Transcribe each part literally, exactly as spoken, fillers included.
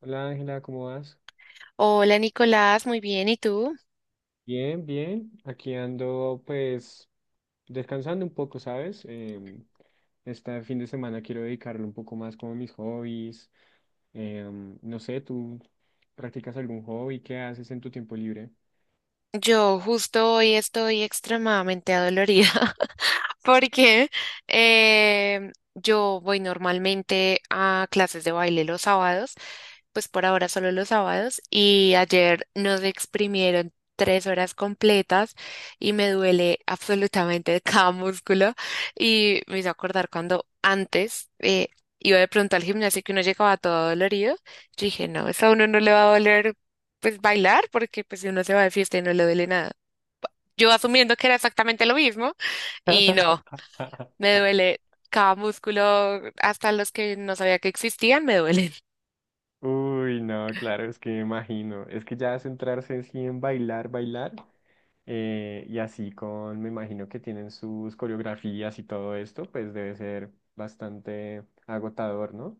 Hola Ángela, ¿cómo vas? Hola Nicolás, muy bien, ¿y tú? Bien, bien. Aquí ando pues descansando un poco, ¿sabes? Em, este fin de semana quiero dedicarle un poco más como a mis hobbies. Em, no sé, ¿tú practicas algún hobby? ¿Qué haces en tu tiempo libre? Yo justo hoy estoy extremadamente adolorida porque eh, yo voy normalmente a clases de baile los sábados, pues por ahora solo los sábados, y ayer nos exprimieron tres horas completas y me duele absolutamente cada músculo. Y me hizo acordar cuando antes, eh, iba de pronto al gimnasio, que uno llegaba todo dolorido. Yo dije, no, eso a uno no le va a doler pues bailar, porque pues si uno se va de fiesta y no le duele nada. Yo asumiendo que era exactamente lo mismo, y no, me duele cada músculo, hasta los que no sabía que existían, me duelen. Uy, no, claro, es que me imagino. Es que ya centrarse así en bailar, bailar, eh, y así con, me imagino que tienen sus coreografías y todo esto, pues debe ser bastante agotador, ¿no?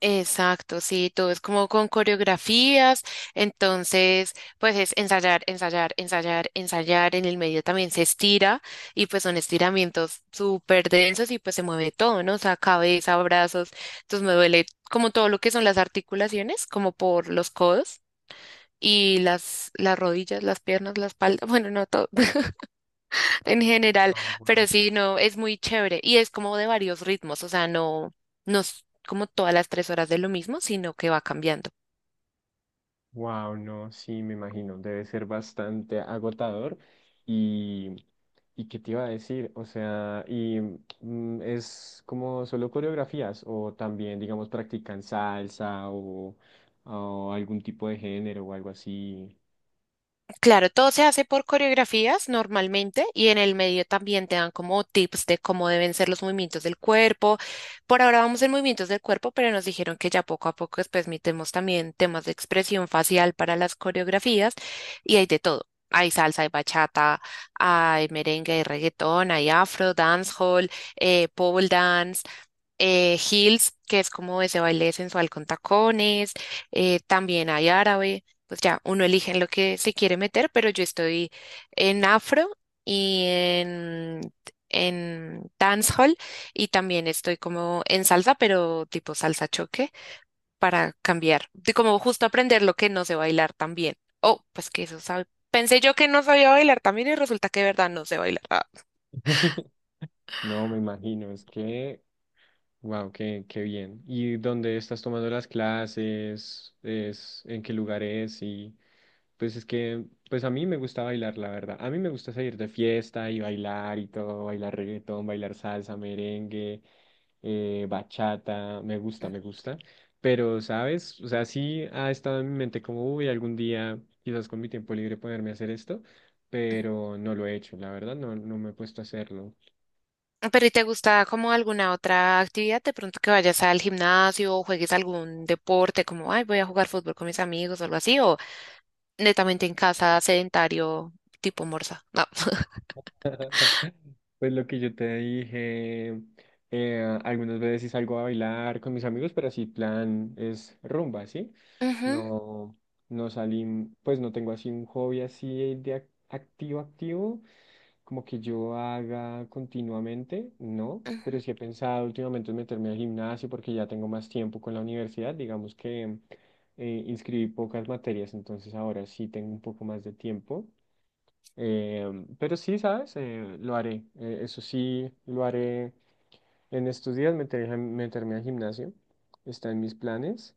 Exacto, sí, todo es como con coreografías, entonces pues es ensayar, ensayar, ensayar, ensayar, en el medio también se estira y pues son estiramientos súper densos y pues se mueve todo, ¿no? O sea, cabeza, brazos, entonces me duele como todo lo que son las articulaciones, como por los codos y las, las rodillas, las piernas, la espalda, bueno, no todo en general, No, pero wow. sí, no, es muy chévere y es como de varios ritmos, o sea, no, no es como todas las tres horas de lo mismo, sino que va cambiando. Wow, no, sí, me imagino, debe ser bastante agotador. Y, ¿y qué te iba a decir? O sea, y mm, es como solo coreografías o también, digamos, practican salsa o, o algún tipo de género o algo así. Claro, todo se hace por coreografías normalmente y en el medio también te dan como tips de cómo deben ser los movimientos del cuerpo. Por ahora vamos en movimientos del cuerpo, pero nos dijeron que ya poco a poco después metemos también temas de expresión facial para las coreografías, y hay de todo. Hay salsa, hay bachata, hay merengue, hay reggaetón, hay afro, dancehall, eh, pole dance, eh, heels, que es como ese baile sensual con tacones. Eh, también hay árabe, pues ya uno elige en lo que se quiere meter, pero yo estoy en afro y en, en dancehall, y también estoy como en salsa, pero tipo salsa choque, para cambiar, de como justo aprender lo que no sé bailar también. Oh, pues que eso sabe. Pensé yo que no sabía bailar también y resulta que de verdad no sé bailar. Ah. No, me imagino, es que, wow, qué, qué bien. ¿Y dónde estás tomando las clases? ¿Es en qué lugar es? Y... Pues es que, pues a mí me gusta bailar, la verdad. A mí me gusta salir de fiesta y bailar y todo, bailar reggaetón, bailar salsa, merengue, eh, bachata, me gusta, me gusta. Pero, ¿sabes? O sea, sí ha estado en mi mente como, uy, algún día, quizás con mi tiempo libre ponerme a hacer esto, pero no lo he hecho, la verdad, no, no me he puesto a hacerlo. Pero ¿y te gusta como alguna otra actividad? De pronto que vayas al gimnasio o juegues algún deporte, como, ay, voy a jugar fútbol con mis amigos o algo así, o netamente en casa, sedentario, tipo morsa. No. Pues lo que yo te dije, eh, algunas veces sí salgo a bailar con mis amigos, pero así plan es rumba, ¿sí? Ujú, No, no salí, pues no tengo así un hobby así de ac- activo, activo, como que yo haga continuamente, no, pero ujú, sí he pensado últimamente en meterme al gimnasio porque ya tengo más tiempo con la universidad, digamos que eh, inscribí pocas materias, entonces ahora sí tengo un poco más de tiempo. Eh, pero sí, ¿sabes? Eh, lo haré. Eh, eso sí, lo haré en estos días, meter- meterme al gimnasio. Está en mis planes.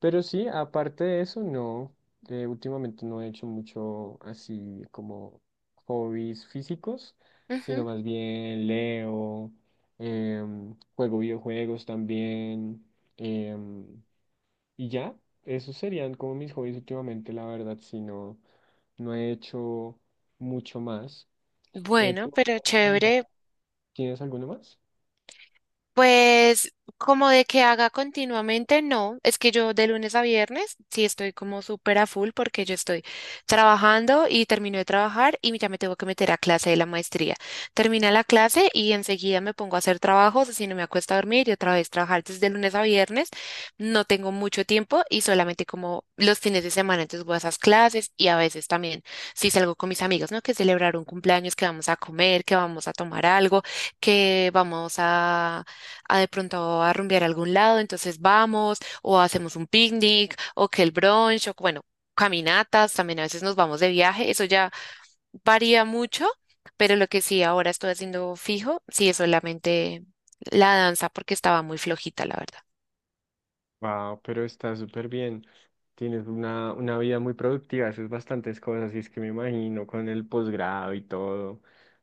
Pero sí, aparte de eso, no. Eh, últimamente no he hecho mucho así como hobbies físicos, sino ujú. más bien leo, em, juego videojuegos también. em, y ya, esos serían como mis hobbies últimamente, la verdad, si no, no he hecho mucho más. Eh, ¿tú Bueno, pero aparte de bailar, chévere. tienes alguno más? Pues como de que haga continuamente, no. Es que yo de lunes a viernes sí estoy como súper a full, porque yo estoy trabajando y termino de trabajar y ya me tengo que meter a clase de la maestría. Termina la clase y enseguida me pongo a hacer trabajos, así no me acuesto a dormir y otra vez trabajar desde lunes a viernes. No tengo mucho tiempo y solamente como los fines de semana, entonces voy a esas clases y a veces también sí salgo con mis amigos, ¿no? Que celebrar un cumpleaños, que vamos a comer, que vamos a tomar algo, que vamos a a de pronto a rumbear a algún lado, entonces vamos, o hacemos un picnic, o que el brunch, o bueno, caminatas, también a veces nos vamos de viaje, eso ya varía mucho, pero lo que sí ahora estoy haciendo fijo, sí es solamente la danza, porque estaba muy flojita, la verdad. Wow, pero está súper bien. Tienes una, una vida muy productiva, haces bastantes cosas, y es que me imagino con el posgrado y todo.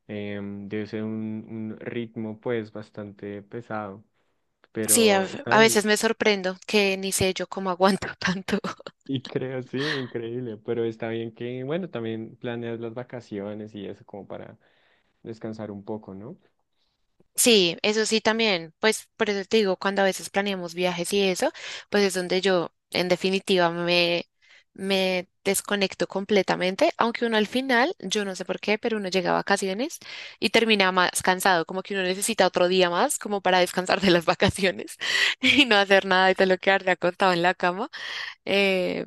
em, Debe ser un, un ritmo pues bastante pesado, Sí, a, pero está a bien. veces me sorprendo que ni sé yo cómo aguanto tanto. Y creo, sí, increíble, pero está bien que, bueno, también planeas las vacaciones y eso como para descansar un poco, ¿no? Sí, eso sí también. Pues por eso te digo, cuando a veces planeamos viajes y eso, pues es donde yo en definitiva me, me desconecto completamente, aunque uno al final, yo no sé por qué, pero uno llega a vacaciones y termina más cansado, como que uno necesita otro día más como para descansar de las vacaciones y no hacer nada y te lo quedarte acostado en la cama. Eh,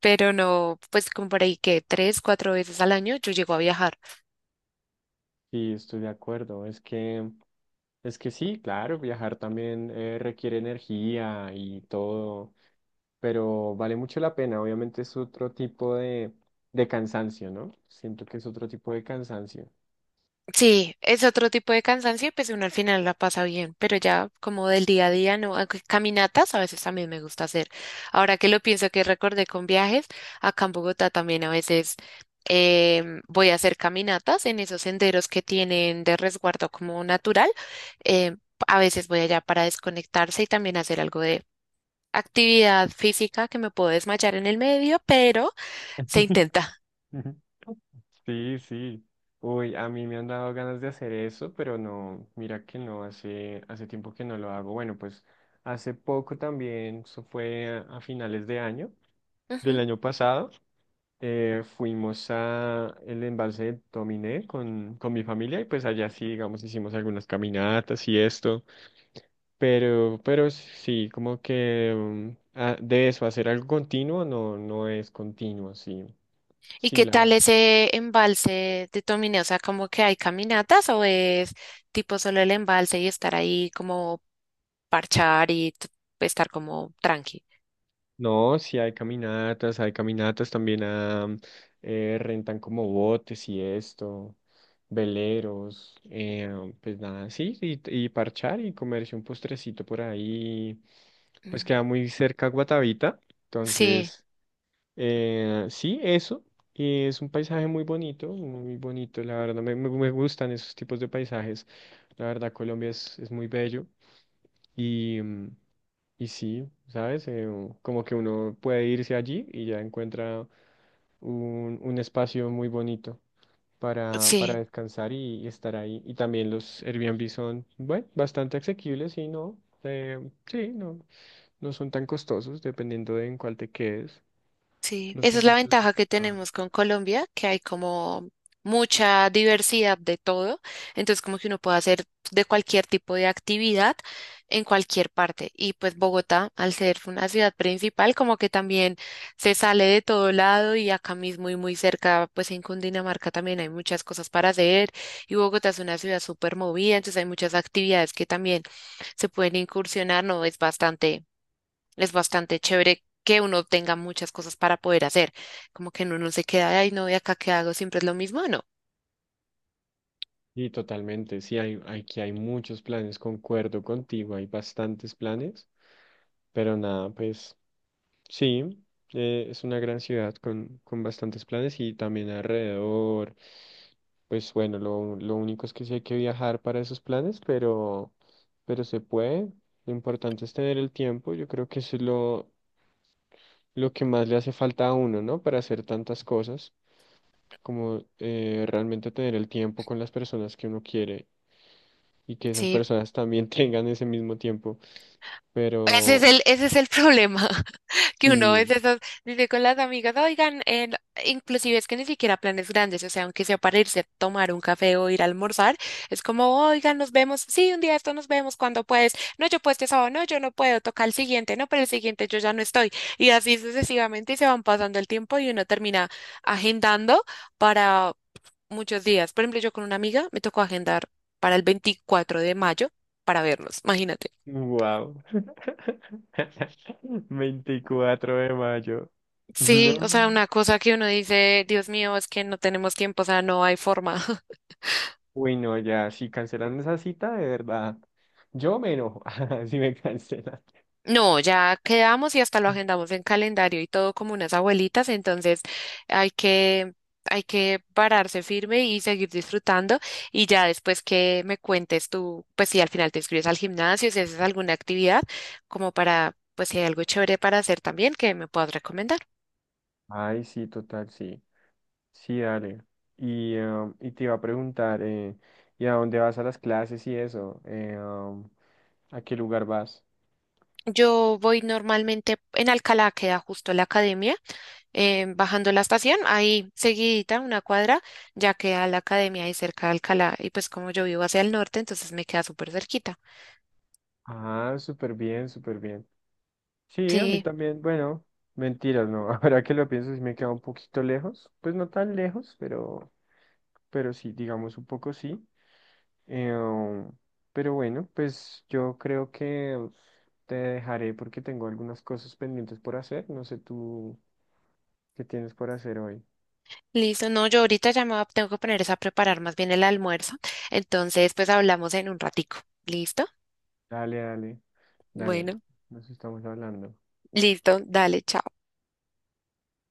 pero no, pues como por ahí que tres, cuatro veces al año yo llego a viajar. Sí, estoy de acuerdo. Es que, es que sí, claro, viajar también eh, requiere energía y todo, pero vale mucho la pena. Obviamente es otro tipo de, de cansancio, ¿no? Siento que es otro tipo de cansancio. Sí, es otro tipo de cansancio, pues uno al final la pasa bien, pero ya como del día a día, no, aunque caminatas a veces también me gusta hacer. Ahora que lo pienso, que recordé con viajes, acá en Bogotá también a veces em, voy a hacer caminatas en esos senderos que tienen de resguardo como natural. em, a veces voy allá para desconectarse y también hacer algo de actividad física, que me puedo desmayar en el medio, pero se intenta. Sí, sí. Uy, a mí me han dado ganas de hacer eso, pero no, mira que no, hace, hace tiempo que no lo hago. Bueno, pues hace poco también, eso fue a, a finales de año, del Ujú. año pasado. Eh, fuimos a el embalse de Dominé con, con mi familia y pues allá sí, digamos, hicimos algunas caminatas y esto, pero, pero sí, como que mm, ah, de eso, hacer algo continuo no, no es continuo, sí, ¿Y sí, qué la tal verdad. ese embalse de Tomine? O sea, ¿como que hay caminatas o es tipo solo el embalse y estar ahí como parchar y t- estar como tranqui? No, sí hay caminatas, hay caminatas también a, mm, eh, rentan como botes y esto, veleros, eh, pues nada, sí, y, y parchar y comerse un postrecito por ahí pues Mm. queda muy cerca a Guatavita. Sí, Entonces, eh, sí, eso. Y es un paisaje muy bonito, muy bonito, la verdad. Me, me- me gustan esos tipos de paisajes. La verdad, Colombia es, es muy bello. Y, mm, y sí, ¿sabes? Eh, u- como que uno puede irse allí y ya encuentra un, un espacio muy bonito para, para sí. descansar y, y estar ahí. Y también los Airbnb son, bueno, bastante asequibles y no. eh, sí, no. No son tan costosos, dependiendo de en cuál te quedes. Sí, No esa sé es si la tú has ventaja que visitado. tenemos con Colombia, que hay como mucha diversidad de todo, entonces como que uno puede hacer de cualquier tipo de actividad en cualquier parte. Y pues Bogotá, al ser una ciudad principal, como que también se sale de todo lado y acá mismo y muy cerca, pues en Cundinamarca también hay muchas cosas para hacer, y Bogotá es una ciudad súper movida, entonces hay muchas actividades que también se pueden incursionar, no es bastante es bastante chévere que uno tenga muchas cosas para poder hacer, como que uno no se queda, ay, no, ¿y acá qué hago? Siempre es lo mismo, no. Sí, totalmente. Sí, hay, aquí hay muchos planes, concuerdo contigo, hay bastantes planes, pero nada, pues sí, eh, es una gran ciudad con, con bastantes planes y también alrededor, pues bueno, lo, lo único es que sí hay que viajar para esos planes, pero, pero se puede. Lo importante es tener el tiempo, yo creo que eso es lo, lo que más le hace falta a uno, ¿no? Para hacer tantas cosas. Como eh, realmente tener el tiempo con las personas que uno quiere y que esas Sí, personas también tengan ese mismo tiempo. ese es Pero el, ese es el problema, que uno a sí, veces as- dice con las amigas, oigan, eh, no, inclusive es que ni siquiera planes grandes, o sea, aunque sea para irse a tomar un café o ir a almorzar, es como, oigan, nos vemos, sí, un día esto nos vemos cuando puedes, no, yo puedo este sábado, no, yo no puedo, toca el siguiente, no, pero el siguiente yo ya no estoy, y así sucesivamente y se van pasando el tiempo y uno termina agendando para muchos días. Por ejemplo, yo con una amiga me tocó agendar para el veinticuatro de mayo para vernos, imagínate. wow. Veinticuatro de mayo. Sí, o sea, No. una cosa que uno dice, Dios mío, es que no tenemos tiempo, o sea, no hay forma. Uy, no, ya, si cancelan esa cita, de verdad. Yo me enojo si me cancelan. No, ya quedamos y hasta lo agendamos en calendario y todo como unas abuelitas, entonces hay que, hay que pararse firme y seguir disfrutando, y ya después que me cuentes tú, pues si al final te inscribes al gimnasio, si haces alguna actividad, como para, pues si hay algo chévere para hacer también que me puedas recomendar. Ay, sí, total, sí. Sí, dale. Y, em, y te iba a preguntar, eh, ¿y a dónde vas a las clases y eso? Eh, em, ¿A qué lugar vas? Yo voy normalmente en Alcalá, queda justo la academia, eh, bajando la estación, ahí seguidita, una cuadra, ya queda la academia ahí cerca de Alcalá. Y pues como yo vivo hacia el norte, entonces me queda súper cerquita. Ah, súper bien, súper bien. Sí, a mí Sí, también, bueno, mentiras, no. Ahora que lo pienso, sí me queda un poquito lejos. Pues no tan lejos, pero, pero sí, digamos un poco sí. Eh, um, pero bueno, pues yo creo que te dejaré porque tengo algunas cosas pendientes por hacer. No sé tú qué tienes por hacer hoy. listo. No, yo ahorita ya me va- tengo que poner es a preparar más bien el almuerzo. Entonces, pues hablamos en un ratico. ¿Listo? Dale, dale, dale. Bueno, Nos estamos hablando. listo. Dale, chao.